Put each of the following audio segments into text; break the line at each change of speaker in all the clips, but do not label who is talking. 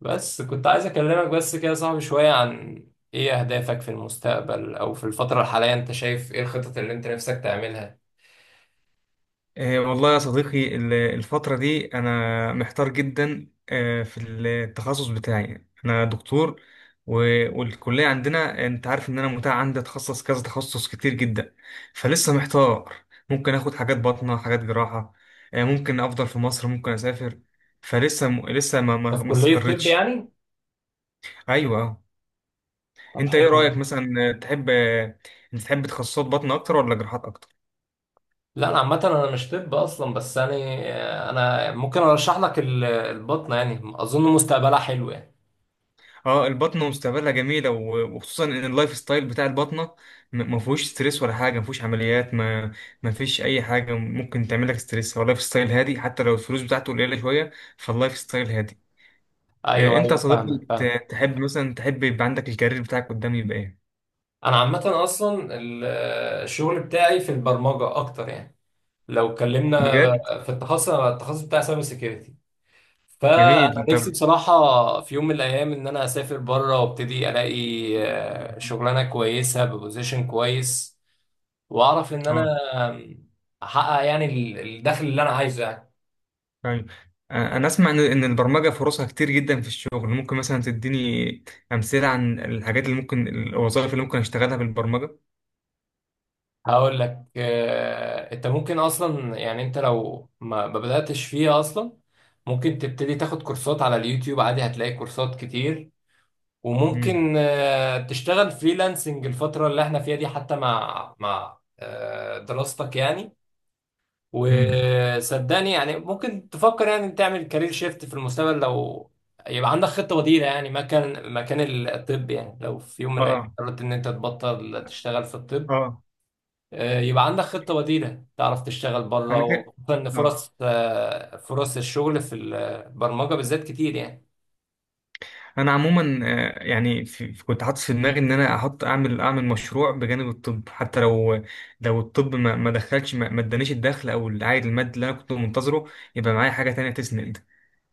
بس كنت عايز اكلمك بس كده يا صاحبي شوية عن ايه اهدافك في المستقبل او في الفترة الحالية، انت شايف ايه الخطط اللي انت نفسك تعملها؟
والله يا صديقي الفترة دي أنا محتار جدا، في التخصص بتاعي أنا دكتور، والكلية عندنا أنت عارف إن أنا متاح عندي أتخصص كذا تخصص كتير جدا. فلسه محتار. ممكن آخد حاجات باطنة حاجات جراحة. ممكن أفضل في مصر، ممكن أسافر. فلسه لسه ما
انت
ما
في
ما
كلية طب
استقرتش.
يعني؟
أيوه.
طب
أنت
حلو
إيه
أوي.
رأيك مثلا، آه، تحب آه، أنت تحب تخصصات باطنة أكتر ولا جراحات أكتر؟
لا انا عامة انا مش طب اصلا بس يعني انا ممكن ارشح لك البطنة، يعني اظن مستقبلها حلو يعني.
اه. البطنة مستقبلها جميلة، وخصوصا ان اللايف ستايل بتاع البطنة ما فيهوش ستريس ولا حاجة، ما فيهوش عمليات، ما فيش اي حاجة ممكن تعمل لك ستريس. هو اللايف ستايل هادي حتى لو الفلوس بتاعته قليلة شوية. فاللايف ستايل هادي.
ايوه
انت يا
ايوه
صديقي،
فاهمك فاهمك.
تحب يبقى عندك الكارير بتاعك قدام يبقى ايه؟
انا عامة اصلا الشغل بتاعي في البرمجة اكتر يعني. لو اتكلمنا
بجد.
في التخصص، أنا التخصص بتاعي سايبر سيكيورتي، فانا
جميل طب.
نفسي بصراحه في يوم من الايام ان انا اسافر بره وابتدي الاقي شغلانه كويسه ببوزيشن كويس، واعرف ان انا
اه.
آم، احقق يعني الدخل اللي انا عايزه يعني.
طيب. انا اسمع إن البرمجة فرصها كتير جدا في الشغل. ممكن مثلا تديني امثلة عن الحاجات اللي ممكن الوظائف اللي ممكن اشتغلها بالبرمجة؟
هقول لك انت ممكن اصلا، يعني انت لو ما بداتش فيها اصلا، ممكن تبتدي تاخد كورسات على اليوتيوب عادي، هتلاقي كورسات كتير. وممكن تشتغل فريلانسنج الفتره اللي احنا فيها دي حتى مع دراستك يعني.
مم.
وصدقني يعني ممكن تفكر يعني تعمل كارير شيفت في المستقبل، لو يبقى عندك خطة بديلة يعني مكان الطب يعني، لو في يوم من الأيام
اه.
قررت إن أنت تبطل تشتغل في
اه.
الطب،
اه.
يبقى عندك خطة بديلة تعرف تشتغل بره،
انا كده.
وخصوصا إن
اه.
فرص الشغل في البرمجة بالذات كتير يعني.
انا عموما، يعني كنت حاطط في دماغي ان انا احط اعمل اعمل مشروع بجانب الطب، حتى لو الطب ما دخلش، ما ادانيش الدخل او العائد المادي اللي انا كنت منتظره، يبقى معايا حاجه تانية تسند.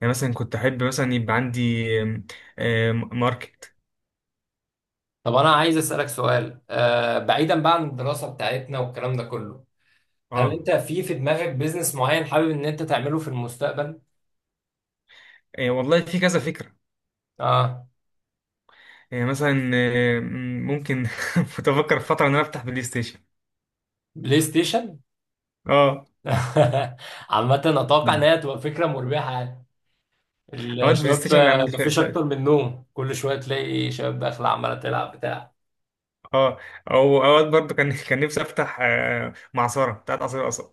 يعني مثلا كنت احب مثلا يبقى عندي آم، آم، ماركت.
طب أنا عايز أسألك سؤال، بعيدا بقى عن الدراسة بتاعتنا والكلام ده كله، هل
اه.
أنت في دماغك بيزنس معين حابب إن أنت تعمله في المستقبل؟
والله في كذا فكره.
آه.
مثلا، ممكن كنت افكر في فتره ان انا افتح بلاي ستيشن.
بلاي ستيشن؟
اه.
عامة أتوقع إن هي تبقى فكرة مربحة يعني.
اوقات بلاي
الشباب
ستيشن يعني.
مفيش أكتر من نوم، كل شوية تلاقي شباب داخلة عمالة تلعب بتاع.
اه. او اوقات برضو كان كان نفسي افتح معصره بتاعت عصير قصب.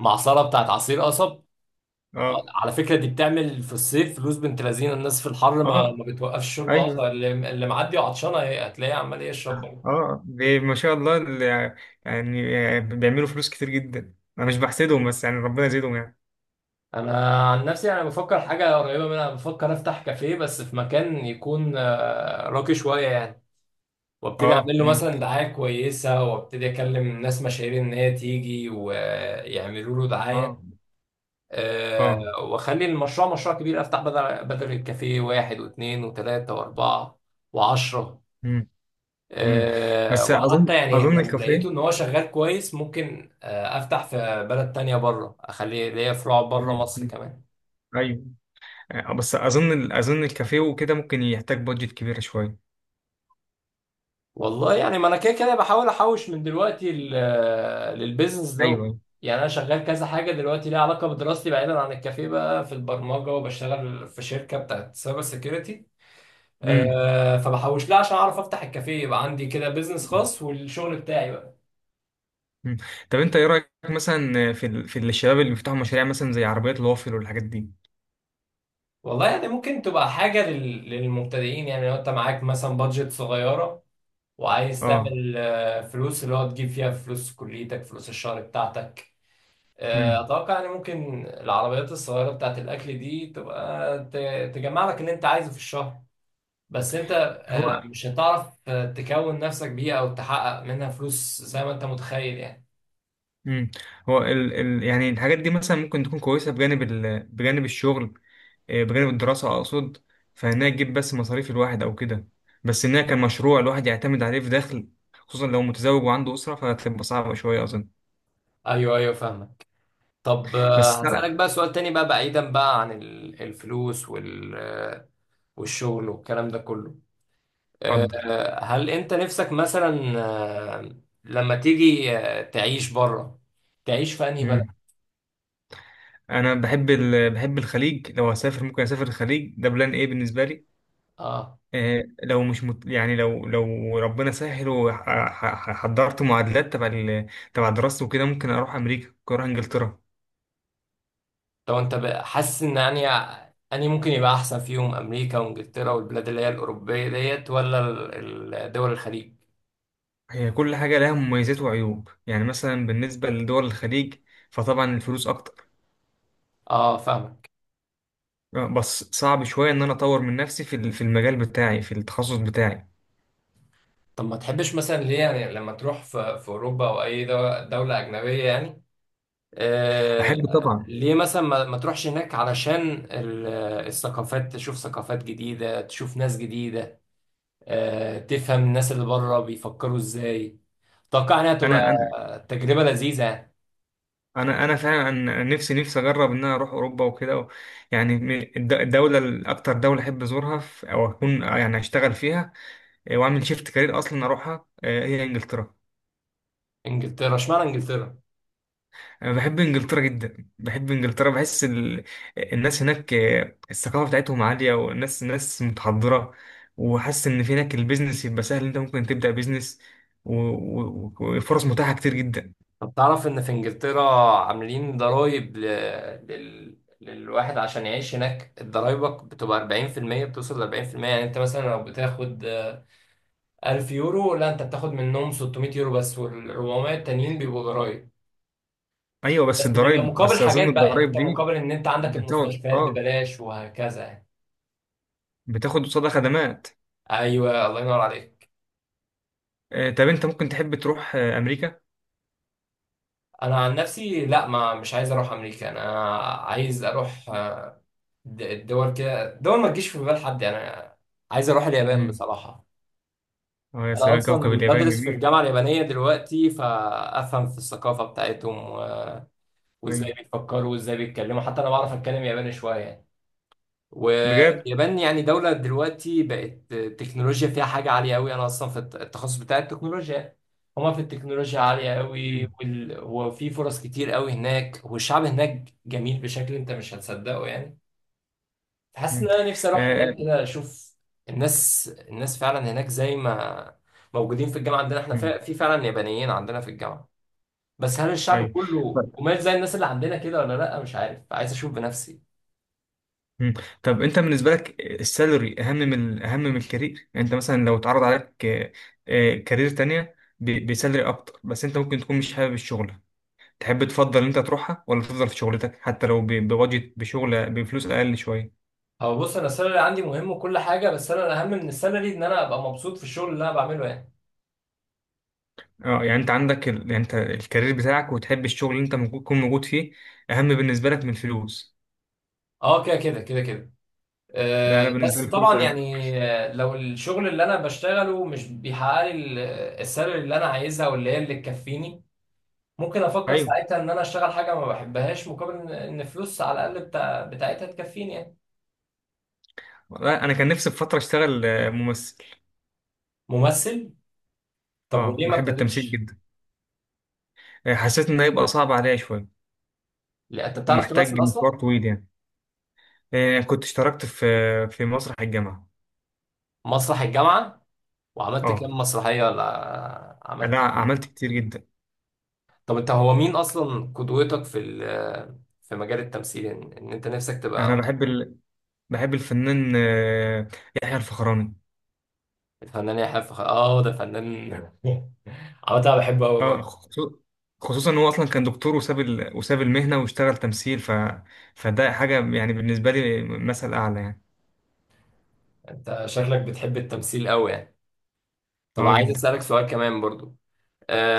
معصرة بتاعت عصير قصب.
اه.
على فكرة دي بتعمل في الصيف فلوس بنت لذينة، الناس في الحر ما,
اه.
ما بتوقفش شرب
ايوه.
أصلا، اللي معدي وعطشانة هي هتلاقيه عمال يشرب برضه.
اه. ما شاء الله يعني، بيعملوا فلوس كتير جدا. انا مش بحسدهم، بس يعني ربنا يزيدهم يعني.
أنا عن نفسي أنا بفكر حاجة قريبة منها، بفكر أفتح كافيه بس في مكان يكون راقي شوية يعني، وابتدي
اه.
اعمل له
امم.
مثلا دعايه كويسه، وابتدي اكلم ناس مشاهير ان هي تيجي ويعملوا له دعايه.
اه.
أه،
اه.
واخلي المشروع مشروع كبير، افتح بدل الكافيه واحد واثنين وثلاثه واربعه وعشره.
امم. امم.
أه،
بس
وحتى
اظن
يعني
اظن
لو لقيته
الكافيه.
ان هو شغال كويس ممكن افتح في بلد تانية بره، اخليه ليا فروع بره
مم،
مصر
مم.
كمان.
ايوه. بس اظن الكافيه وكده ممكن يحتاج بادجت كبيره شويه.
والله يعني، ما انا كده كده بحاول احوش من دلوقتي للبيزنس ده.
ايوه.
يعني انا شغال كذا حاجه دلوقتي ليها علاقه بدراستي بعيدا عن الكافيه بقى، في البرمجه وبشتغل في شركه بتاعت سايبر سيكيورتي.
امم.
أه، فبحوش لها عشان اعرف افتح الكافيه، يبقى عندي كده بيزنس خاص والشغل بتاعي بقى.
مم. طب انت ايه رايك مثلا في الشباب اللي بيفتحوا مشاريع مثلا زي عربيات الوافل والحاجات دي؟
والله يعني ممكن تبقى حاجه للمبتدئين يعني، لو انت معاك مثلا بادجت صغيره وعايز
اه.
تعمل فلوس، اللي هو تجيب فيها فلوس كليتك فلوس الشهر بتاعتك.
امم.
اتوقع يعني ممكن العربيات الصغيره بتاعت الاكل دي تبقى تجمع لك اللي انت عايزه في الشهر، بس انت
هو.
مش هتعرف تكون نفسك بيها او تحقق منها فلوس زي ما انت متخيل يعني.
امم. هو يعني الحاجات دي مثلا ممكن تكون كويسه بجانب بجانب الشغل، بجانب الدراسه اقصد. فانها تجيب بس مصاريف الواحد او كده، بس انها كمشروع الواحد يعتمد عليه في دخل، خصوصا لو متزوج وعنده اسره فهتبقى صعبه شويه اظن.
ايوه ايوه فاهمك. طب
بس
هسألك
لا.
بقى سؤال تاني بقى، بعيدا بقى عن الفلوس وال آه، والشغل والكلام ده كله،
اتفضل.
هل انت نفسك مثلا آه، لما تيجي تعيش بره، تعيش في انهي بلد؟
امم. انا بحب بحب الخليج. لو هسافر ممكن اسافر الخليج، ده بلان ايه بالنسبه لي.
اه.
لو مش مت... يعني، لو ربنا سهل وحضرت معادلات تبع تبع دراستي وكده ممكن اروح امريكا، ممكن اروح انجلترا.
طب انت حاسس ان يعني اني ممكن يبقى احسن فيهم امريكا وانجلترا والبلاد اللي هي الاوروبيه ديت، ولا دول الخليج؟
هي كل حاجه لها مميزات وعيوب، يعني مثلا بالنسبه لدول الخليج فطبعا الفلوس اكتر.
اه فاهمك.
بس صعب شويه ان انا اطور من نفسي في المجال بتاعي في التخصص بتاعي.
طب ما تحبش مثلا ليه يعني، لما تروح في في اوروبا او اي دوله اجنبيه يعني؟ آه،
احب طبعا.
ليه مثلا ما تروحش هناك، علشان الثقافات، تشوف ثقافات جديده تشوف ناس جديده، آه تفهم الناس اللي بره بيفكروا ازاي؟ اتوقع انها تبقى
انا انا
تجربه لذيذه يعني.
انا فعلا نفسي اجرب ان انا اروح اوروبا وكده يعني الدوله الاكتر دوله احب ازورها او اكون يعني اشتغل فيها، واعمل شيفت كارير اصلا اروحها، هي انجلترا.
انجلترا؟ اشمعنى انجلترا؟
انا بحب انجلترا جدا، بحب انجلترا، بحس الناس هناك، الثقافه بتاعتهم عاليه والناس ناس متحضره. وحاسس ان في هناك البيزنس يبقى سهل، انت ممكن تبدا بيزنس، وفرص متاحه كتير جدا.
طب تعرف ان في انجلترا عاملين ضرايب ل... للواحد عشان يعيش هناك؟ ضرايبك بتبقى 40%، بتوصل ل 40%، يعني انت مثلا لو بتاخد 1000 يورو، لا انت بتاخد منهم 600 يورو بس، وال 400 التانيين بيبقوا ضرايب.
ايوه.
بس بيبقى مقابل
بس اظن
حاجات بقى، يعني
الضرايب
انت
دي،
مقابل ان انت
انت
عندك
بتاخد
المستشفيات
اه
ببلاش وهكذا يعني.
بتاخد قصادها خدمات.
ايوه، الله ينور عليك.
طب انت ممكن تحب تروح امريكا؟
انا عن نفسي لا، ما مش عايز اروح امريكا، انا عايز اروح الدول كده، دول ما تجيش في بال حد، يعني انا عايز اروح اليابان
امم.
بصراحة.
اه يا
انا
سلام، كوكب
اصلا
اليابان
بدرس في
جميل.
الجامعه اليابانيه دلوقتي، فافهم في الثقافه بتاعتهم
أيوة.
وازاي بيفكروا وازاي بيتكلموا، حتى انا بعرف اتكلم ياباني شويه يعني.
بجد.
واليابان يعني دوله دلوقتي بقت التكنولوجيا فيها حاجه عاليه قوي، انا اصلا في التخصص بتاع التكنولوجيا. هما في التكنولوجيا عاليه قوي،
مم.
وفي فرص كتير قوي هناك، والشعب هناك جميل بشكل انت مش هتصدقه يعني. حاسس ان
مم.
انا نفسي اروح
آه،
هناك كده اشوف. الناس فعلا هناك زي ما موجودين في الجامعه عندنا، احنا
مم.
في فعلا يابانيين عندنا في الجامعه، بس هل الشعب
ايوه. طب.
كله قماش زي الناس اللي عندنا كده ولا لا؟ مش عارف، عايز اشوف بنفسي.
مم. طب انت بالنسبه لك السالري اهم من الكارير. يعني انت مثلا لو اتعرض عليك كارير تانية بسالري اكتر بس انت ممكن تكون مش حابب الشغل، تحب تفضل ان انت تروحها ولا تفضل في شغلتك حتى لو ب- بوجه بشغل بفلوس اقل شويه؟
هو بص، انا السالري عندي مهم وكل حاجه، بس انا الاهم من السالري ان انا ابقى مبسوط في الشغل اللي انا بعمله يعني.
اه، يعني انت عندك يعني انت الكارير بتاعك وتحب الشغل اللي انت ممكن تكون موجود فيه اهم بالنسبه لك من الفلوس.
اه كده كده كده كده.
لا،
أه
انا بالنسبه
بس
لي الفلوس
طبعا
اهم.
يعني، لو الشغل اللي انا بشتغله مش بيحقق لي السالري اللي انا عايزها واللي هي اللي تكفيني، ممكن افكر
ايوه.
ساعتها ان انا اشتغل حاجه ما بحبهاش، مقابل ان إن فلوس على الاقل بتاعتها تكفيني يعني.
والله انا كان نفسي في فتره اشتغل ممثل.
ممثل؟ طب
اه،
وليه ما
بحب التمثيل
ابتديتش؟
جدا. حسيت إنه هيبقى صعب عليا شوية
لا انت بتعرف
ومحتاج
تمثل اصلا؟
مشوار طويل يعني. كنت اشتركت في مسرح الجامعة.
مسرح الجامعه، وعملت كام
اه.
مسرحيه ولا عملت
لا،
إيه؟
عملت كتير جدا.
طب انت هو مين اصلا قدوتك في في مجال التمثيل ان إن انت نفسك
أنا
تبقى؟
بحب بحب الفنان، يحيى الفخراني.
الفنان يحيى الفخري، اه ده فنان. عامة انا بحبه قوي
اه،
برضه.
خصوصا إن هو أصلا كان دكتور، وساب وساب المهنة واشتغل تمثيل، فده حاجة يعني بالنسبة لي مثل أعلى يعني.
انت شكلك بتحب التمثيل قوي يعني. طب
اه
عايز
جدا.
اسالك سؤال كمان برضه،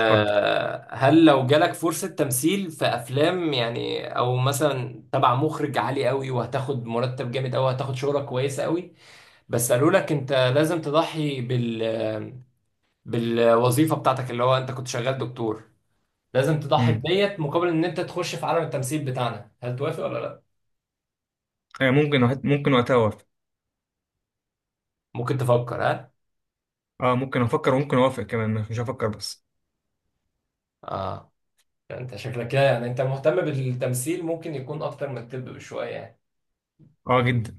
اتفضل.
هل لو جالك فرصة تمثيل في أفلام يعني، أو مثلا تبع مخرج عالي قوي، وهتاخد مرتب جامد أوي، هتاخد شهرة كويسة قوي، بس قالوا لك أنت لازم تضحي بال بالوظيفة بتاعتك، اللي هو أنت كنت شغال دكتور، لازم تضحي
مم.
بديت مقابل إن أنت تخش في عالم التمثيل بتاعنا، هل توافق ولا لأ؟
ممكن وقتها أوافق.
ممكن تفكر ها؟
اه، ممكن أفكر وممكن أوافق كمان، مش هفكر بس.
آه. أنت شكلك كده يعني أنت مهتم بالتمثيل ممكن يكون أكتر من الطب بشوية يعني.
اه جدا.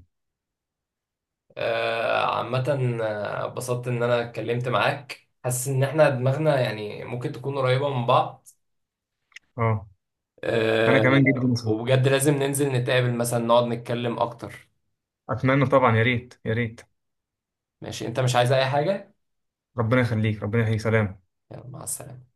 عامة اتبسطت إن أنا اتكلمت معاك، حاسس إن إحنا دماغنا يعني ممكن تكون قريبة من بعض.
اه أنا
آه،
كمان جدا.
وبجد لازم ننزل نتقابل مثلا، نقعد نتكلم أكتر.
اتمنى طبعا، يا ريت يا ريت.
ماشي، أنت مش عايز أي حاجة؟
ربنا يخليك، ربنا يخليك، سلام.
يلا مع السلامة.